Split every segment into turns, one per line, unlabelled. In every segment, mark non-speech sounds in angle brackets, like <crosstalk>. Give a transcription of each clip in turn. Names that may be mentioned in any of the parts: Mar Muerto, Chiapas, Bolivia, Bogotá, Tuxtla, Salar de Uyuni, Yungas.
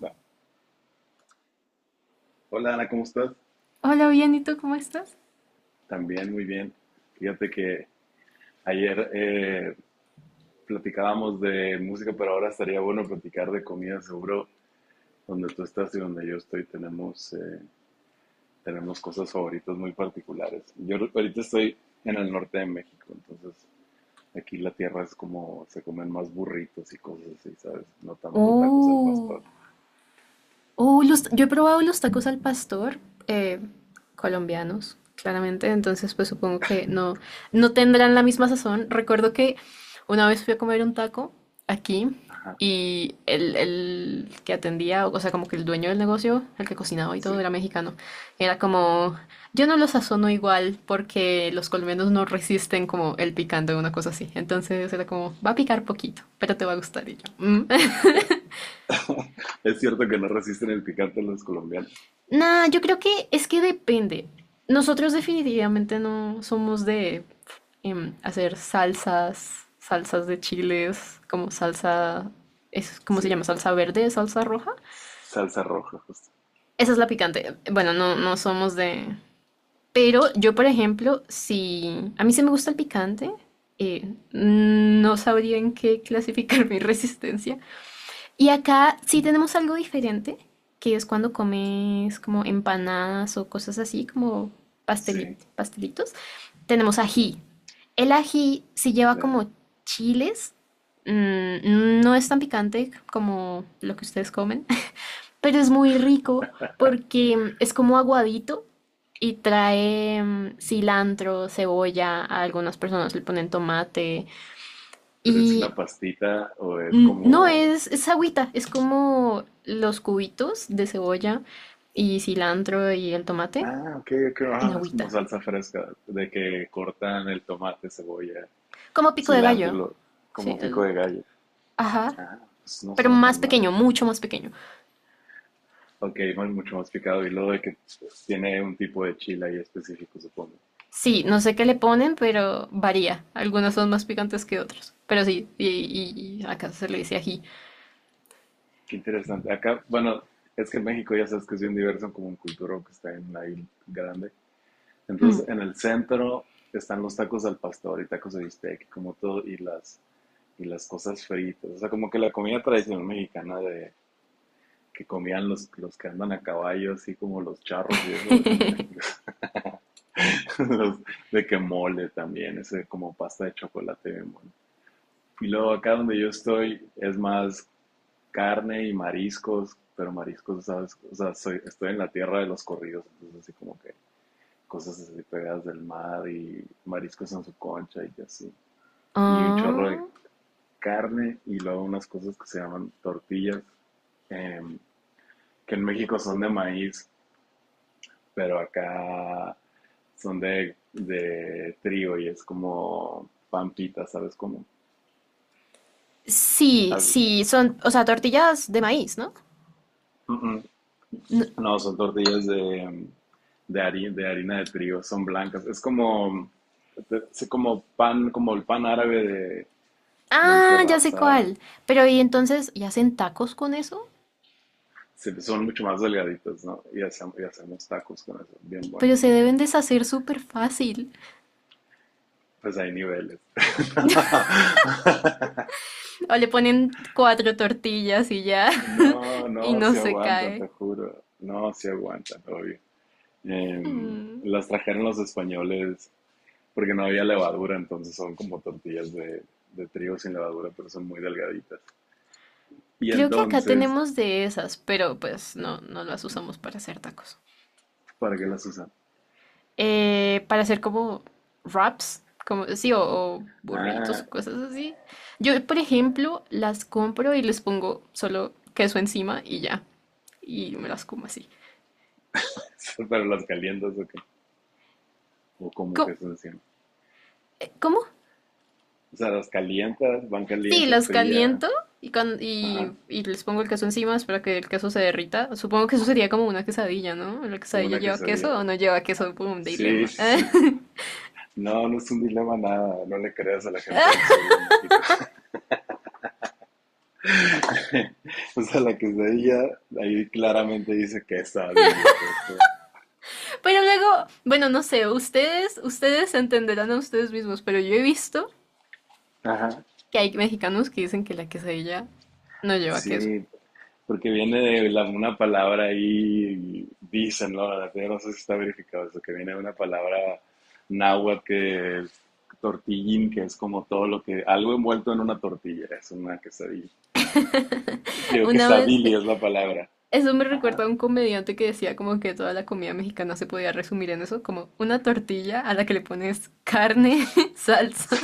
Va. Hola Ana, ¿cómo estás?
Hola, bien, ¿y tú cómo estás?
También muy bien. Fíjate que ayer platicábamos de música, pero ahora estaría bueno platicar de comida. Seguro donde tú estás y donde yo estoy tenemos, tenemos cosas favoritas muy particulares. Yo ahorita estoy en el norte de México, entonces aquí la tierra es como se comen más burritos y cosas así, ¿sabes? No tanto tacos al
Oh.
pastor.
Yo he probado los tacos al pastor, eh, colombianos, claramente, entonces pues supongo que no, no tendrán la misma sazón. Recuerdo que una vez fui a comer un taco aquí
Ajá,
y el que atendía, o sea, como que el dueño del negocio, el que cocinaba y todo,
sí.
era mexicano. Era como, yo no lo sazono igual porque los colombianos no resisten como el picante o una cosa así. Entonces era como, va a picar poquito, pero te va a gustar. Y yo, "Mm".
Es, <laughs> es cierto que no resisten el picante los colombianos.
Nah, yo creo que es que depende. Nosotros definitivamente no somos de hacer salsas, salsas de chiles, como salsa, es, ¿cómo se llama?
Sí,
Salsa verde, salsa roja.
salsa roja,
Esa es la picante. Bueno, no, no somos de... Pero yo, por ejemplo, si a mí se me gusta el picante, no sabría en qué clasificar <laughs> mi resistencia. Y acá sí tenemos algo diferente, que es cuando comes como empanadas o cosas así, como
sí,
pastelitos. Tenemos ají. El ají sí lleva
claro.
como chiles. No es tan picante como lo que ustedes comen, <laughs> pero es muy rico
<laughs>
porque es como aguadito y trae cilantro, cebolla. A algunas personas le ponen tomate.
Pero ¿es una
Y
pastita o es
No,
como...?
es agüita, es como los cubitos de cebolla y cilantro y el tomate
Ah, ok, ok,
en
ah, es como
agüita.
salsa fresca, de que cortan el tomate, cebolla,
Como pico de
cilantro y
gallo,
lo...
¿sí?
como pico de gallo.
Ajá,
Ah, pues no
pero
suena tan
más
mal.
pequeño, mucho más pequeño.
Ok, no, es mucho más picado y luego de que tiene un tipo de chile ahí específico, supongo.
Sí, no sé qué le ponen, pero varía. Algunos son más picantes que otros. Pero sí, y acá se le dice ají.
Qué interesante. Acá, bueno, es que en México ya sabes que es bien diverso como un cultura que está en la isla grande.
Mm.
Entonces, en el centro están los tacos al pastor y tacos de bistec, como todo, y y las cosas fritas. O sea, como que la comida tradicional mexicana de que comían los que andan a caballo, así como los charros y eso, es en México.
<laughs>
<laughs> Los- de que mole también, ese como pasta de chocolate bien bueno. Y luego acá donde yo estoy es más carne y mariscos, pero mariscos, ¿sabes? O sea, soy, estoy en la tierra de los corridos, entonces así como que cosas así pegadas del mar y mariscos en su concha y así. Y un chorro de
Ah,
carne y luego unas cosas que se llaman tortillas, em, que en México son de maíz, pero acá son de trigo y es como pampita, ¿sabes? Como...
sí, sí, son, o sea, tortillas de maíz, ¿no?
Mm, mm.
No-
No, son tortillas de, de harina, de harina de trigo, son blancas. Es como pan, como el pan árabe de un
Ah, ya
kebab,
sé
¿sabes?
cuál. Pero y entonces, ¿y hacen tacos con eso?
Sí, son mucho más delgaditos, ¿no? Y hacemos tacos con eso, bien buenos.
Pero se deben deshacer súper fácil.
Pues hay niveles. <laughs>
O le ponen cuatro tortillas y ya. <laughs>
No,
Y
no,
no
se
se
aguantan, te
cae.
juro. No, se aguantan, obvio.
Mm.
Las trajeron los españoles porque no había levadura, entonces son como tortillas de trigo sin levadura, pero son muy delgaditas. Y
Creo que acá
entonces,
tenemos de esas, pero pues no, no las usamos para hacer tacos.
¿para qué las usan?
Para hacer como wraps, como sí, o burritos
Ah,
o cosas así. Yo, por ejemplo, las compro y les pongo solo queso encima y ya. Y me las como así.
<laughs> pero ¿las calientas o qué? O cómo
¿Cómo,
que se encima.
cómo
O sea, ¿las calientas, van
Sí,
calientes,
las
frías?
caliento y, con, y,
Ajá.
y les pongo el queso encima, espero que el queso se derrita. Supongo que eso sería como una quesadilla, ¿no? ¿La
Como
quesadilla
una
lleva
quesadilla.
queso o no lleva queso? Por un
Sí,
dilema.
sí, sí.
<laughs>
No, no es un dilema nada. No le creas a la gente del sur de México. <laughs> O sea, la quesadilla, ahí claramente dice quesadilla. O sea, es como...
Pero luego, bueno, no sé, ustedes entenderán a ustedes mismos, pero yo he visto
Ajá.
que hay mexicanos que dicen que la quesadilla no lleva queso.
Sí, porque viene de la- una palabra ahí, dicen, ¿no? La verdad, no sé si está verificado eso, que viene de una palabra náhuatl que es tortillín, que es como todo lo que, algo envuelto en una tortilla, es una quesadilla.
<laughs>
Digo,
Una vez,
quesadilla es la palabra.
eso me recuerda
Ajá.
a un comediante que decía como que toda la comida mexicana se podía resumir en eso, como una tortilla a la que le pones carne, <laughs> salsa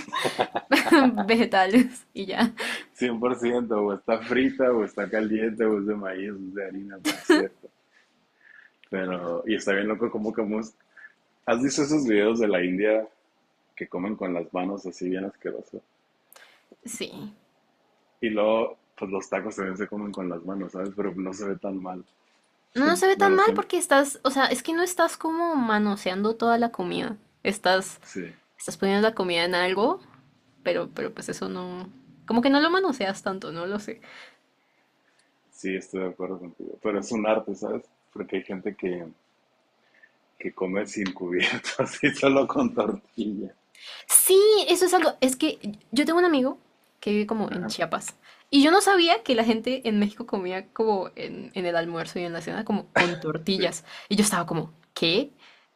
<laughs> vegetales y ya.
100% o está frita, o está caliente, o es de maíz, o es de harina, por cierto. Pero, y está bien loco cómo comemos. ¿Has visto esos videos de la India que comen con las manos así bien asqueroso?
Sí.
Y luego, pues los tacos también se comen con las manos, ¿sabes? Pero no se ve tan mal.
No, no
Siem-
se ve tan
Bueno,
mal
siem-
porque estás, o sea, es que no estás como manoseando toda la comida. Estás,
sí,
estás poniendo la comida en algo, pero pues eso no, como que no lo manoseas tanto, no lo sé.
sí, estoy de acuerdo contigo. Pero es un arte, ¿sabes? Porque hay gente que come sin cubierto, <laughs> así solo con tortilla.
Sí, eso es algo. Es que yo tengo un amigo que vive como en
Ajá,
Chiapas. Y yo no sabía que la gente en México comía como en el almuerzo y en la cena como con
sí.
tortillas. Y yo estaba como, ¿qué?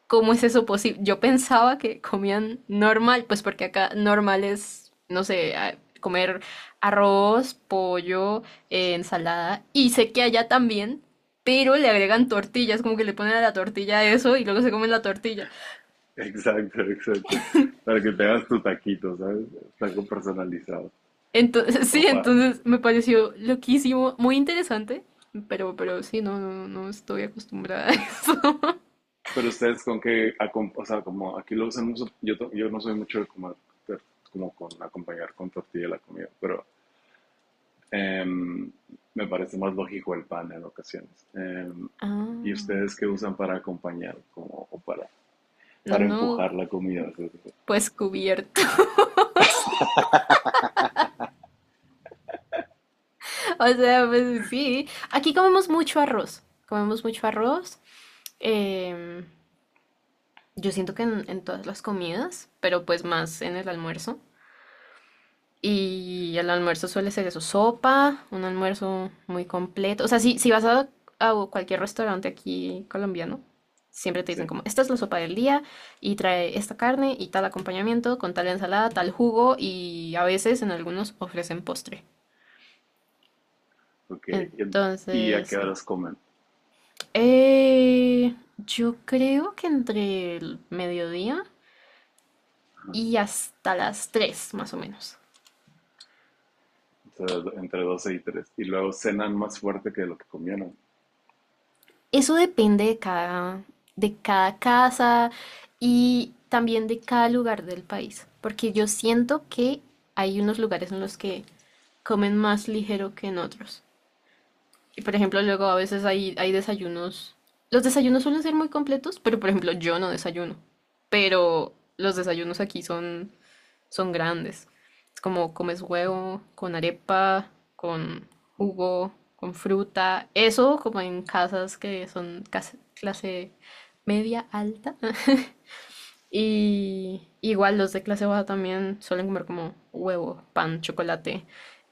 ¿Cómo es eso posible? Yo pensaba que comían normal, pues porque acá normal es, no sé, comer arroz, pollo, ensalada. Y sé que allá también, pero le agregan tortillas, como que le ponen a la tortilla eso y luego se comen la tortilla.
Exacto, exacto. Para que te hagas tu taquito, ¿sabes? Taco personalizado.
Entonces, <laughs> sí,
Opa.
entonces me pareció loquísimo, muy interesante, pero sí, no, no, no estoy acostumbrada a eso. <laughs>
Pero ustedes ¿con qué acom-? O sea, como aquí lo usan mucho, yo, to- yo no soy mucho de comer, ter- como con acompañar con tortilla la comida, pero em, me parece más lógico el pan en ocasiones. Em, ¿y ustedes
Ah.
qué usan para acompañar, como, o
No,
para
no,
empujar la comida? ¿Sabes?
pues cubiertos. <laughs> O sea, pues sí. Aquí comemos mucho arroz. Comemos mucho arroz. em, yo siento que en todas las comidas, pero pues más en el almuerzo. Y el almuerzo suele ser eso, sopa, un almuerzo muy completo. O sea, si vas a cualquier restaurante aquí colombiano, siempre te dicen
Sí,
como, esta es la sopa del día y trae esta carne y tal acompañamiento con tal ensalada, tal jugo y a veces en algunos ofrecen postre.
ok. Y a qué
Entonces,
horas comen?
yo creo que entre el mediodía
Ajá.
y hasta las 3 más o menos.
O sea, ¿entre 12 y tres? Y luego cenan más fuerte que lo que comieron.
Eso depende de cada, casa y también de cada lugar del país, porque yo siento que hay unos lugares en los que comen más ligero que en otros. Y por ejemplo, luego a veces hay desayunos. Los desayunos suelen ser muy completos, pero por ejemplo, yo no desayuno. Pero los desayunos aquí son grandes. Es como comes huevo con arepa, con
Sí,
jugo, con fruta. Eso como en casas que son clase media alta. <laughs> Y igual los de clase baja también suelen comer como huevo, pan, chocolate.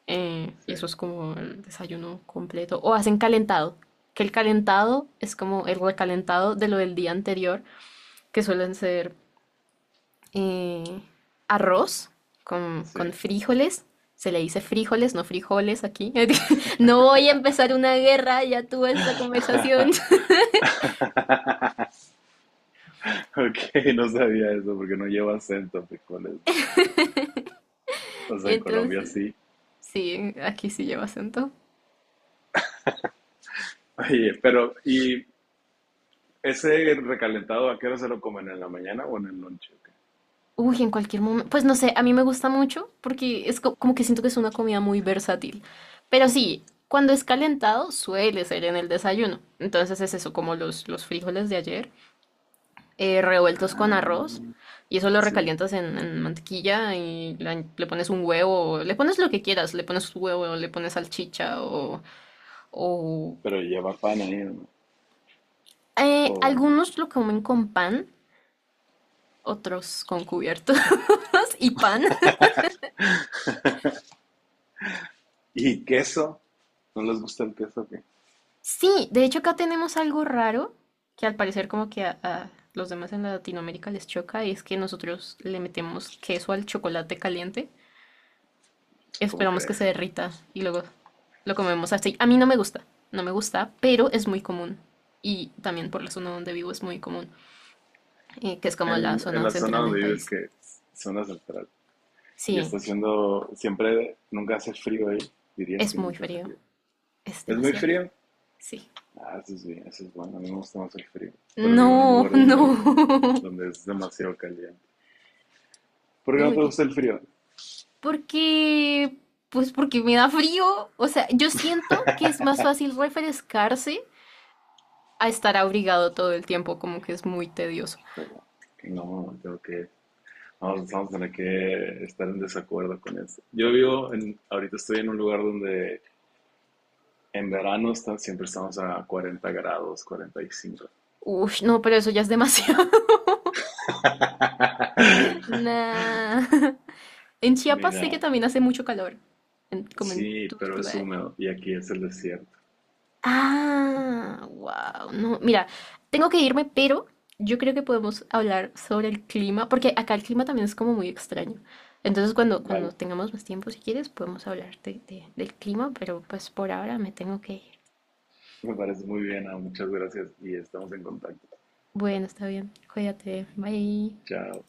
Y eso es como el desayuno completo. O hacen calentado. Que el calentado es como el recalentado de lo del día anterior, que suelen ser eh, arroz con,
sí.
con frijoles. Se le dice frijoles, no frijoles aquí. <laughs> No voy a empezar una guerra, ya tuve esta conversación.
<laughs>
<laughs>
Ok, no sabía eso porque no lleva acento frijoles, ¿no? O sea, en Colombia
Entonces,
sí.
sí, aquí sí lleva acento.
Oye, pero ¿y ese recalentado a qué hora se lo comen? ¿En la mañana o en el lonche? ¿O qué?
Uy, en cualquier momento. Pues no sé, a mí me gusta mucho porque es como que siento que es una comida muy versátil. Pero sí, cuando es calentado suele ser en el desayuno. Entonces es eso, como los frijoles de ayer. Revueltos con
Ah, muy
arroz.
bien.
Y eso lo
Sí.
recalientas en mantequilla y le pones un huevo, le pones lo que quieras, le pones huevo, le pones salchicha o...
Pero lleva pan ahí, ¿no? O-
Algunos lo comen con pan, otros con cubiertos <laughs> y pan.
¿Y queso? ¿No les gusta el queso? ¿O qué?
Sí, de hecho acá tenemos algo raro que al parecer como que a los demás en Latinoamérica les choca y es que nosotros le metemos queso al chocolate caliente.
¿Cómo
Esperamos que se
crees?
derrita y luego lo comemos así. A mí no me gusta, no me gusta, pero es muy común. Y también por la zona donde vivo es muy común, que es como la
En
zona
la zona
central del
donde vives,
país.
que es zona central, y está
Sí,
haciendo siempre, nunca hace frío ahí, dirías
es
que
muy
nunca hace
frío,
frío.
es
¿Es muy
demasiado frío.
frío?
Sí.
Ah, eso es bien, eso es bueno. A mí me gusta más el frío. Pero vivo en un
No,
lugar
no,
donde,
<laughs>
donde es demasiado caliente. ¿Por qué
no,
no te
baby.
gusta el frío?
Porque, pues porque me da frío. O sea, yo siento que es más fácil refrescarse a estar abrigado todo el tiempo, como que es muy tedioso.
Híjole, no, tengo que. Vamos, vamos a tener que estar en desacuerdo con eso. Yo vivo en. Ahorita estoy en un lugar donde en verano está- siempre estamos a 40 grados, 45.
Uy, no, pero eso ya es demasiado. <laughs>
<laughs>
Nah. <laughs> En Chiapas sé que
Mira,
también hace mucho calor, como en
sí, pero es
Tuxtla.
húmedo y aquí es el desierto.
Ah, wow. No, mira, tengo que irme, pero yo creo que podemos hablar sobre el clima, porque acá el clima también es como muy extraño. Entonces, cuando
Vale,
tengamos más tiempo, si quieres, podemos hablar del clima, pero pues por ahora me tengo que ir.
me parece muy bien. Muchas gracias y estamos en contacto.
Bueno, está bien. Cuídate. Bye.
Chao.